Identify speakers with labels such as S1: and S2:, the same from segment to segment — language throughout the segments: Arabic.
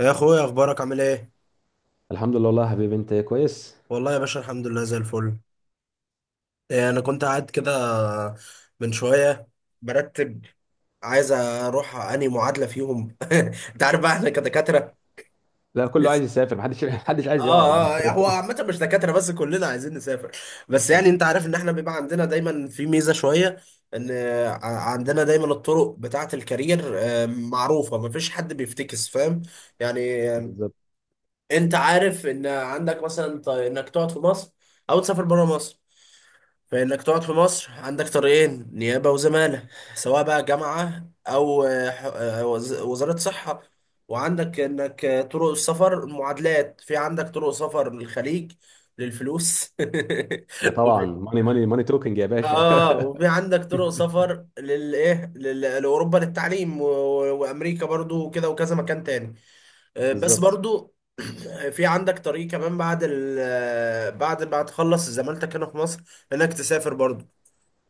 S1: يا اخويا اخبارك عامل ايه؟
S2: الحمد لله، والله يا حبيبي. انت كويس.
S1: والله يا باشا الحمد لله زي الفل. إيه، انا كنت قاعد كده من شويه برتب، عايز اروح انهي معادله فيهم. انت عارف بقى احنا كدكاتره.
S2: لا، كله
S1: بس
S2: عايز يسافر، محدش محدش عايز يقعد.
S1: اه هو عامه مش دكاتره بس، كلنا عايزين نسافر. بس يعني انت عارف ان احنا بيبقى عندنا دايما في ميزه شويه، ان ع- عندنا دايما الطرق بتاعه الكارير، معروفه، مفيش حد بيفتكس، فاهم يعني.
S2: بالظبط.
S1: انت عارف ان عندك مثلا انك تقعد في مصر او تسافر بره مصر. فانك تقعد في مصر عندك طريقين، نيابه وزماله، سواء بقى جامعه او وزاره صحه. وعندك انك طرق السفر، معادلات، في عندك طرق سفر للخليج للفلوس
S2: طبعا
S1: وفي.
S2: ماني ماني ماني توكينج يا باشا
S1: اه وفي عندك طرق سفر للايه، لاوروبا للتعليم وامريكا برضو وكده وكذا مكان تاني. بس
S2: بالظبط.
S1: برضو في عندك طريق كمان بعد ال آه، بعد ما تخلص زمالتك هنا في مصر انك تسافر برضو.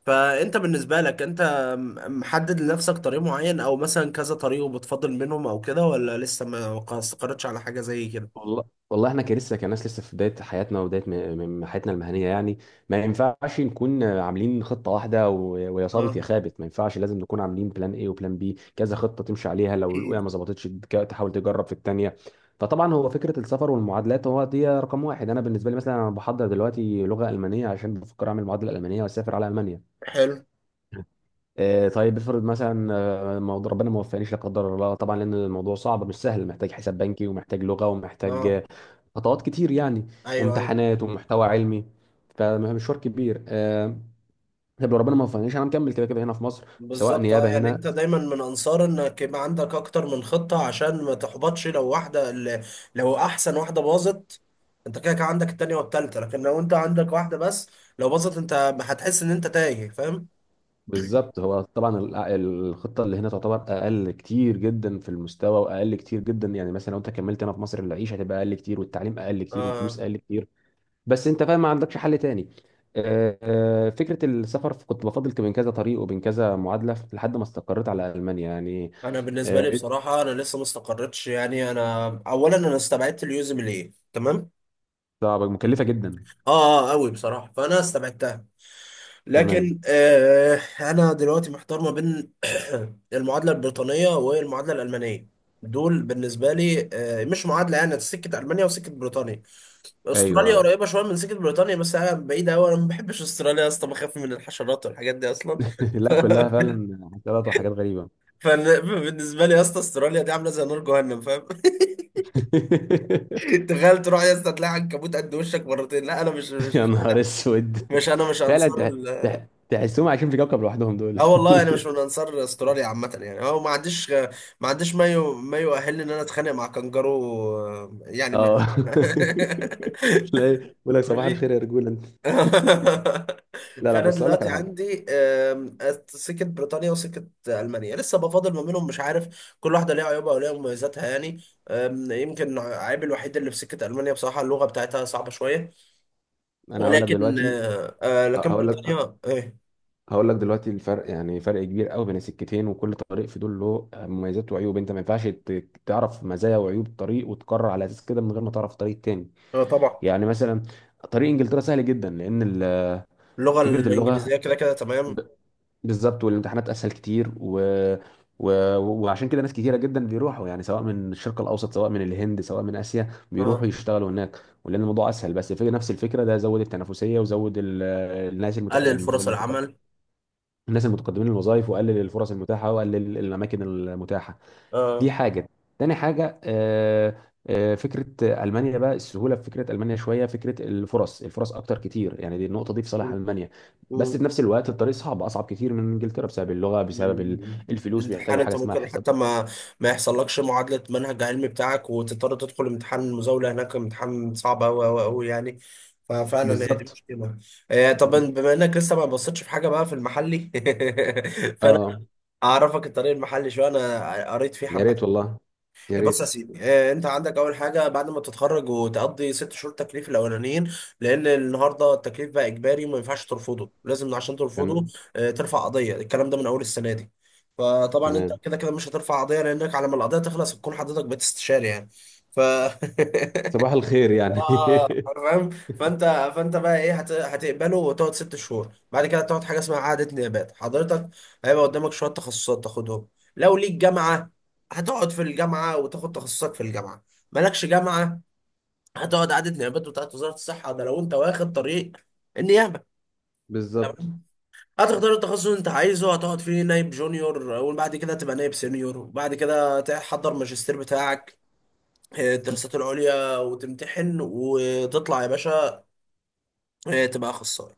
S1: فانت بالنسبة لك انت محدد لنفسك طريق معين او مثلا كذا طريق وبتفضل منهم او كده، ولا لسه ما استقرتش على حاجة زي كده؟
S2: والله والله احنا كلسه كناس لسه في بدايه حياتنا، وبدايه حياتنا المهنيه، يعني ما ينفعش نكون عاملين خطه واحده ويا
S1: اه
S2: صابت يا خابت. ما ينفعش، لازم نكون عاملين بلان ايه وبلان بي، كذا خطه تمشي عليها، لو الاولى
S1: اكيد.
S2: ما ظبطتش تحاول تجرب في الثانيه. فطبعا هو فكره السفر والمعادلات هو دي رقم واحد. انا بالنسبه لي مثلا، انا بحضر دلوقتي لغه المانيه عشان بفكر اعمل معادله المانيه واسافر على المانيا.
S1: حلو.
S2: طيب، افرض مثلا موضوع ربنا ما وفقنيش لا قدر الله، طبعا لان الموضوع صعب مش سهل، محتاج حساب بنكي، ومحتاج لغه، ومحتاج
S1: اه.
S2: خطوات كتير يعني،
S1: ايوه ايوه.
S2: وامتحانات ومحتوى علمي. فمشوار كبير. طب لو ربنا ما وفقنيش، انا مكمل كده كده هنا في مصر، سواء
S1: بالظبط. اه
S2: نيابه
S1: يعني
S2: هنا.
S1: انت دايما من انصار انك يبقى عندك اكتر من خطة عشان ما تحبطش لو واحدة لو احسن واحدة باظت، انت كده كده عندك التانية والتالتة. لكن لو انت عندك واحدة بس، لو باظت انت هتحس ان انت تايه، فاهم.
S2: بالظبط. هو طبعا الخطه اللي هنا تعتبر اقل كتير جدا في المستوى، واقل كتير جدا، يعني مثلا لو انت كملت هنا في مصر، العيشه هتبقى اقل كتير، والتعليم اقل كتير، والفلوس
S1: آه
S2: اقل كتير، بس انت فاهم ما عندكش حل تاني. فكره السفر، كنت بفضل بين كذا طريق وبين كذا معادله لحد ما استقريت على المانيا يعني.
S1: انا بالنسبة
S2: آه،
S1: لي بصراحة انا لسه ما استقرتش يعني. انا اولا انا استبعدت اليوزمل، ايه تمام،
S2: طب مكلفه جدا.
S1: اه اه قوي بصراحة، فانا استبعدتها.
S2: تمام.
S1: لكن آه انا دلوقتي محتار ما بين المعادله البريطانيه والمعادله الالمانيه. دول بالنسبه لي آه مش معادله يعني، سكه المانيا وسكه بريطانيا. استراليا
S2: ايوه.
S1: قريبه شويه من سكه بريطانيا بس انا بعيده قوي، انا ما بحبش استراليا يا اسطى، بخاف من الحشرات والحاجات دي اصلا.
S2: لا، كلها فعلا عطلات وحاجات غريبه
S1: فبالنسبه لي يا اسطى استراليا دي عامله زي نار جهنم، فاهم. تخيل تروح يا اسطى تلاقي عنكبوت قد وشك مرتين، لا انا مش
S2: يا
S1: مش
S2: نهار اسود.
S1: مش انا مش
S2: فعلا
S1: انصار.
S2: تحسهم عايشين في كوكب لوحدهم دول.
S1: اه والله انا مش من انصار استراليا عامه يعني، هو ما عنديش ما يؤهلني ان انا اتخانق مع كانجارو، يعني ما
S2: اه تلاقي يقول لك صباح
S1: وري-
S2: الخير يا رجوله. لا لا،
S1: فانا
S2: بص، اقول لك
S1: دلوقتي
S2: على حاجه.
S1: عندي سكه بريطانيا وسكه المانيا لسه بفاضل ما بينهم، مش عارف، كل واحده ليها عيوبها وليها مميزاتها يعني. يمكن عيب الوحيد اللي في سكه المانيا بصراحه اللغه بتاعتها صعبه شويه.
S2: انا هقول لك
S1: ولكن
S2: دلوقتي.
S1: لكن
S2: هقول لك
S1: بريطانيا ايه،
S2: هقول لك دلوقتي الفرق، يعني فرق كبير قوي بين السكتين، وكل طريق في دول له مميزات وعيوب. انت ما ينفعش تعرف مزايا وعيوب طريق وتقرر على اساس كده من غير ما تعرف طريق تاني.
S1: طبعا
S2: يعني مثلا طريق انجلترا سهل جدا، لان
S1: اللغه
S2: فكره اللغه.
S1: الانجليزيه كده كده تمام.
S2: ب- بالظبط، والامتحانات اسهل كتير، و... وعشان كده ناس كتيره جدا بيروحوا، يعني سواء من الشرق الاوسط، سواء من الهند، سواء من اسيا، بيروحوا
S1: اه
S2: يشتغلوا هناك، ولان الموضوع اسهل. بس في نفس الفكره، ده زود التنافسيه، وزود الناس
S1: قلل فرص
S2: المتق...
S1: العمل.
S2: الناس المتقدمين للوظائف، واقلل الفرص المتاحه، واقلل الاماكن المتاحه.
S1: اه.
S2: دي حاجه. تاني حاجه، فكره المانيا بقى، السهوله في فكره المانيا شويه، فكره الفرص اكتر كتير، يعني دي النقطه دي في صالح
S1: مم.
S2: المانيا. بس
S1: مم.
S2: في نفس الوقت، الطريق صعب، اصعب كتير من انجلترا، بسبب اللغه، بسبب
S1: مم.
S2: الفلوس،
S1: الامتحان
S2: بيحتاجوا حاجه
S1: انت
S2: اسمها
S1: ممكن
S2: حساب.
S1: حتى ما يحصلكش معادلة منهج علمي بتاعك وتضطر تدخل امتحان المزاولة هناك، امتحان صعب أوي أوي أوي يعني، ففعلا هي دي
S2: بالظبط.
S1: مشكلة. طب بما انك لسه ما بصيتش في حاجة بقى في المحلي، فانا
S2: اه.
S1: اعرفك الطريق المحلي شوية، انا قريت فيه
S2: يا
S1: حبة.
S2: ريت والله، يا
S1: بص يا
S2: ريت.
S1: سيدي، انت عندك اول حاجه بعد ما تتخرج وتقضي 6 شهور تكليف الاولانيين، لان النهارده التكليف بقى اجباري وما ينفعش ترفضه. لازم عشان ترفضه
S2: تمام.
S1: ترفع قضيه، الكلام ده من اول السنه دي. فطبعا انت
S2: تمام.
S1: كده كده مش هترفع قضيه لانك على ما القضيه تخلص هتكون حضرتك بتستشاري يعني. ف
S2: صباح الخير يعني
S1: اه فاهم. فانت فانت بقى ايه، هتقبله وتقعد 6 شهور، بعد كده تقعد حاجه اسمها اعاده نيابات. حضرتك هيبقى قدامك شويه تخصصات تاخدهم. لو ليك جامعه، هتقعد في الجامعه وتاخد تخصصك في الجامعه. مالكش جامعه، هتقعد اعاده نيابات بتاعت وزاره الصحه، ده لو انت واخد طريق النيابه.
S2: بالظبط.
S1: تمام. هتختار التخصص اللي انت عايزه هتقعد فيه نايب جونيور، وبعد كده تبقى نايب سينيور، وبعد كده تحضر ماجستير بتاعك، الدراسات العليا، وتمتحن وتطلع يا باشا، تبقى اخصائي.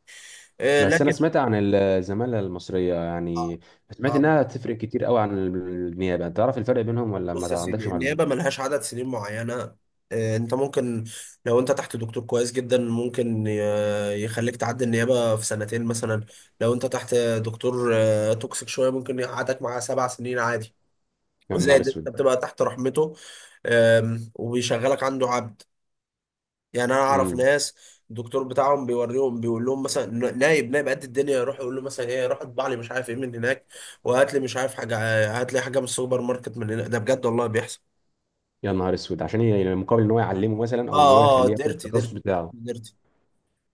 S2: بس انا
S1: لكن
S2: سمعت عن الزمالة المصرية
S1: اه
S2: يعني، سمعت
S1: آه،
S2: انها تفرق كتير قوي عن النيابة. انت تعرف الفرق بينهم ولا
S1: بص يا
S2: ما عندكش
S1: سيدي، النيابه
S2: معلومة؟
S1: ملهاش عدد سنين معينه. انت ممكن، لو انت تحت دكتور كويس جدا ممكن يخليك تعدي النيابه في سنتين مثلا. لو انت تحت دكتور توكسيك شويه، ممكن يقعدك معاه 7 سنين عادي.
S2: يا نهار
S1: زائد انت
S2: اسود.
S1: بتبقى تحت رحمته، وبيشغلك عنده عبد يعني. انا اعرف
S2: امم.
S1: ناس الدكتور بتاعهم بيوريهم، بيقول لهم مثلا نايب نايب قد الدنيا، يروح يقول له مثلا ايه، روح اطبع لي مش عارف ايه من هناك، وهات لي مش عارف حاجه، هات لي حاجه من السوبر ماركت من هناك. ده بجد والله بيحصل.
S2: يا نهار اسود، عشان يعني مقابل ان هو يعلمه مثلا، او ان هو
S1: اه
S2: يخليه
S1: اه.
S2: ياخد
S1: ديرتي
S2: التخصص
S1: ديرتي
S2: بتاعه.
S1: ديرتي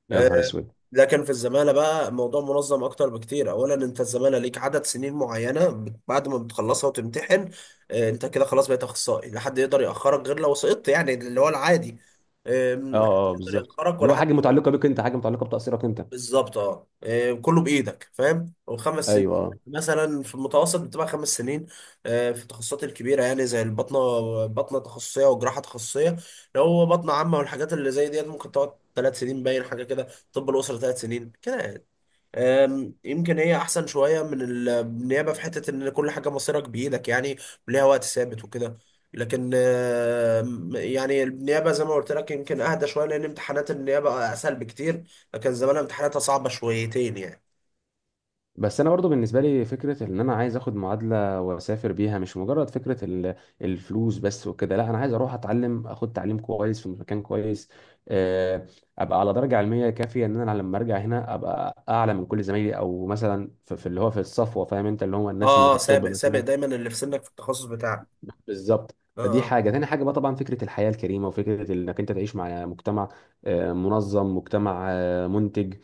S2: يا نهار
S1: آه
S2: اسود.
S1: لكن في الزمالة بقى الموضوع منظم اكتر بكتير. اولا انت الزمالة ليك عدد سنين معينة، بعد ما بتخلصها وتمتحن آه انت كده خلاص بقيت اخصائي، لا حد يقدر ياخرك غير لو سقطت، يعني اللي هو العادي. محدش
S2: اه اه،
S1: يقدر
S2: بالظبط،
S1: يأخرك
S2: اللي
S1: ولا
S2: هو حاجة
S1: حد.
S2: متعلقة بيك انت، حاجة متعلقة بتقصيرك انت.
S1: بالظبط. اه كله بايدك، فاهم. وخمس سنين
S2: ايوه، اه.
S1: مثلا في المتوسط، بتبقى 5 سنين في التخصصات الكبيره يعني زي البطنه، بطنه تخصصيه وجراحه تخصصيه. لو هو بطنه عامه والحاجات اللي زي ديت ممكن تقعد 3 سنين، باين حاجه كده. طب الاسره 3 سنين كده. يمكن هي احسن شويه من النيابه في حته ان كل حاجه مصيرك بايدك يعني، وليها وقت ثابت وكده. لكن يعني النيابه زي ما قلت لك يمكن اهدى شويه لان امتحانات النيابه اسهل بكتير، لكن زمان امتحاناتها صعبه شويتين يعني.
S2: بس انا برضو بالنسبه لي، فكره ان انا عايز اخد معادله واسافر بيها مش مجرد فكره الفلوس بس وكده. لا، انا عايز اروح اتعلم، اخد تعليم كويس في مكان كويس، آه، ابقى على درجه علميه كافيه، ان انا لما ارجع هنا ابقى اعلى من كل زمايلي، او مثلا في اللي هو في الصفوه، فاهم انت، اللي هم الناس اللي
S1: اه
S2: في
S1: اه.
S2: التوب
S1: سابق
S2: مثلا.
S1: دايما اللي في سنك في التخصص بتاعك.
S2: بالظبط.
S1: اه
S2: دي
S1: اه
S2: حاجة. تاني حاجة بقى طبعا فكرة الحياة الكريمة، وفكرة انك انت تعيش مع مجتمع منظم، مجتمع منتج،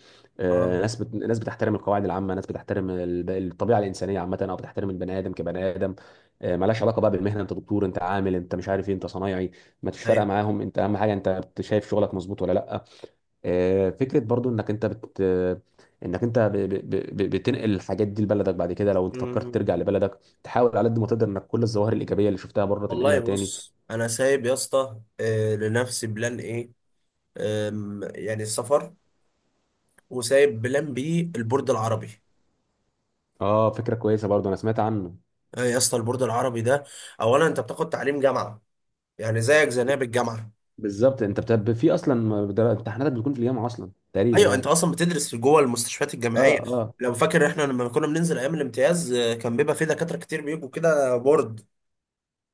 S1: اه.
S2: ناس بتحترم القواعد العامة، ناس بتحترم الطبيعة الإنسانية عامة، أو بتحترم البني آدم كبني آدم. ملهاش علاقة بقى بالمهنة، انت دكتور، انت عامل، انت مش عارف ايه، انت صنايعي، ما فيش فارقة
S1: ايوه.
S2: معاهم. انت أهم حاجة انت شايف شغلك مظبوط ولا لا. فكره برضو انك انت ب... بتنقل الحاجات دي لبلدك بعد كده، لو انت فكرت
S1: مم.
S2: ترجع لبلدك، تحاول على قد ما تقدر انك كل الظواهر الايجابيه اللي شفتها بره
S1: والله
S2: تنقلها تاني.
S1: بص انا سايب يا اسطى لنفسي بلان ايه، يعني السفر، وسايب بلان بي البورد العربي.
S2: اه، فكره كويسه، برضو انا سمعت عنه.
S1: إيه يا اسطى البورد العربي ده، اولا انت بتاخد تعليم جامعه، يعني زيك زي نائب الجامعه.
S2: بالظبط، في اصلا امتحاناتك بتكون في الجامعه اصلا تقريبا
S1: ايوه انت
S2: يعني.
S1: اصلا بتدرس في جوه المستشفيات
S2: اه
S1: الجامعيه.
S2: اه
S1: لو فاكر احنا لما كنا بننزل ايام الامتياز، كان بيبقى في دكاتره كتير بيجوا كده بورد،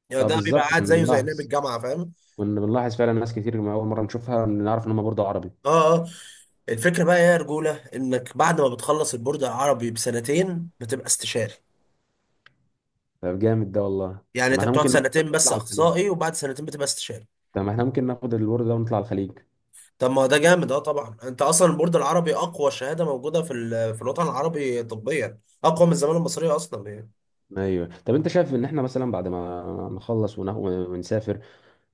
S1: يعني
S2: اه.
S1: ده بيبقى
S2: بالظبط.
S1: قاعد
S2: كنا
S1: زيه زي نائب
S2: بنلاحظ
S1: الجامعه فاهم.
S2: كنا بنلاحظ فعلا ناس كتير، ما اول مره نشوفها نعرف ان هم برضو عربي.
S1: اه اه. الفكره بقى إيه يا رجوله، انك بعد ما بتخلص البورد العربي بسنتين بتبقى استشاري.
S2: طب جامد ده والله.
S1: يعني
S2: طب
S1: انت
S2: احنا
S1: بتقعد
S2: ممكن ناخد ده
S1: سنتين بس
S2: ونطلع على الخليج.
S1: اخصائي، وبعد سنتين بتبقى استشاري.
S2: طب احنا ممكن ناخد الورد ده ونطلع على الخليج.
S1: طب ما ده جامد. اه طبعا انت اصلا البورد العربي اقوى شهاده موجوده في في الوطن العربي طبيا، اقوى من الزماله المصريه اصلا يعني.
S2: ايوه. طب انت شايف ان احنا مثلا بعد ما نخلص ونسافر،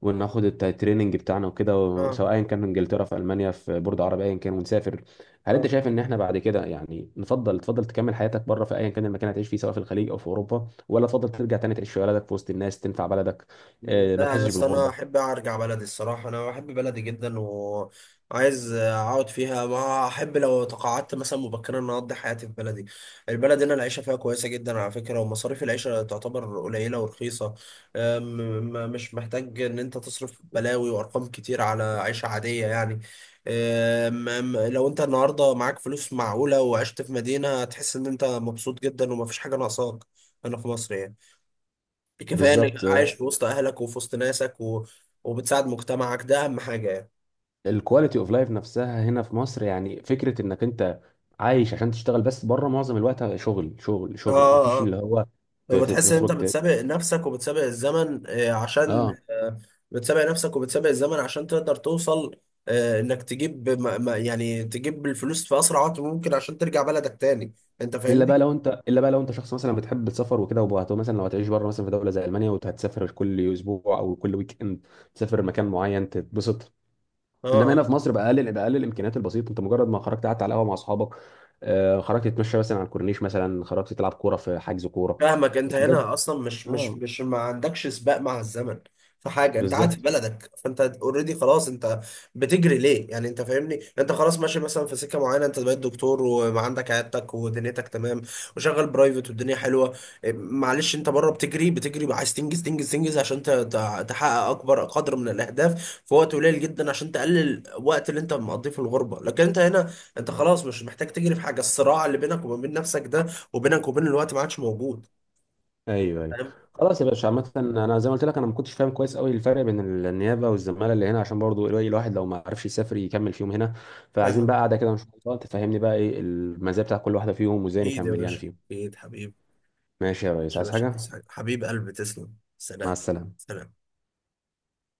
S2: وناخد التريننج بتاعنا وكده،
S1: اه
S2: سواء كان في انجلترا، في المانيا، في بورد عربي، ايا كان، ونسافر، هل انت
S1: اه.
S2: شايف ان احنا بعد كده، يعني تفضل تكمل حياتك بره في ايا كان المكان اللي هتعيش فيه، سواء في الخليج او في اوروبا، ولا تفضل ترجع تاني تعيش في بلدك في وسط الناس تنفع بلدك؟ ما
S1: لا يا
S2: تحسش
S1: اسطى انا
S2: بالغربه؟
S1: احب ارجع بلدي الصراحه، انا بحب بلدي جدا وعايز اقعد فيها، ما احب لو تقاعدت مثلا مبكرا ان اقضي حياتي في بلدي. البلد هنا العيشه فيها كويسه جدا على فكره، ومصاريف العيشه تعتبر قليله ورخيصه، مش محتاج ان انت تصرف بلاوي وارقام كتير على عيشه عاديه يعني. لو انت النهارده معاك فلوس معقوله وعشت في مدينه هتحس ان انت مبسوط جدا ومفيش حاجه ناقصاك، هنا في مصر يعني. كفايه انك
S2: بالظبط.
S1: عايش في وسط اهلك وفي وسط ناسك وبتساعد مجتمعك، ده اهم حاجه يعني.
S2: الكواليتي اوف لايف نفسها هنا في مصر، يعني فكره انك انت عايش عشان تشتغل بس، بره معظم الوقت شغل شغل شغل، مفيش
S1: اه اه.
S2: اللي هو
S1: وبتحس ان انت
S2: تخرج.
S1: بتسابق نفسك وبتسابق الزمن عشان
S2: اه.
S1: بتسابق نفسك وبتسابق الزمن عشان تقدر توصل، انك تجيب يعني تجيب الفلوس في اسرع وقت ممكن عشان ترجع بلدك تاني. انت
S2: الا
S1: فاهمني؟
S2: بقى لو انت الا بقى لو انت شخص مثلا بتحب السفر وكده، مثلا لو هتعيش بره مثلا في دوله زي المانيا، وهتسافر كل اسبوع او كل ويك اند تسافر مكان معين تتبسط. انما
S1: اه
S2: هنا في مصر باقل الامكانيات البسيطه، انت مجرد ما خرجت قعدت على قهوه مع اصحابك، خرجت تتمشى مثلا على الكورنيش، مثلا خرجت تلعب كوره في حجز كوره،
S1: فاهمك، انت
S2: الحاجات دي.
S1: هنا اصلا مش مش
S2: اه.
S1: مش ما عندكش سباق مع الزمن في حاجه، انت قاعد في
S2: بالظبط.
S1: بلدك، فانت اوريدي خلاص، انت بتجري ليه يعني؟ انت فاهمني، انت خلاص ماشي مثلا في سكه معينه، انت بقيت دكتور وعندك عيادتك ودنيتك تمام، وشغال برايفت، والدنيا حلوه. إيه، معلش انت بره بتجري بتجري، عايز تنجز تنجز تنجز، عشان تحقق اكبر قدر من الاهداف في وقت قليل جدا عشان تقلل الوقت اللي انت مقضيه في الغربه. لكن انت هنا انت خلاص مش محتاج تجري في حاجه، الصراع اللي بينك وما بين نفسك ده، وبينك وبين الوقت ما عادش موجود.
S2: ايوه، ايوه.
S1: فاهم.
S2: خلاص يا باشا، عامة انا زي ما قلت لك، انا ما كنتش فاهم كويس قوي الفرق بين النيابة والزمالة اللي هنا، عشان برضو الواحد لو ما عرفش يسافر يكمل فيهم هنا، فعايزين
S1: فاهم.
S2: بقى قاعدة كده ان شاء الله تفهمني بقى ايه المزايا بتاع كل واحدة فيهم، وازاي
S1: اكيد يا
S2: نكمل يعني
S1: باشا،
S2: فيهم.
S1: اكيد حبيب.
S2: ماشي يا ريس،
S1: يا
S2: عايز
S1: باشا
S2: حاجة؟
S1: تسعد. حبيب قلبي تسلم.
S2: مع
S1: سلام.
S2: السلامة.
S1: سلام.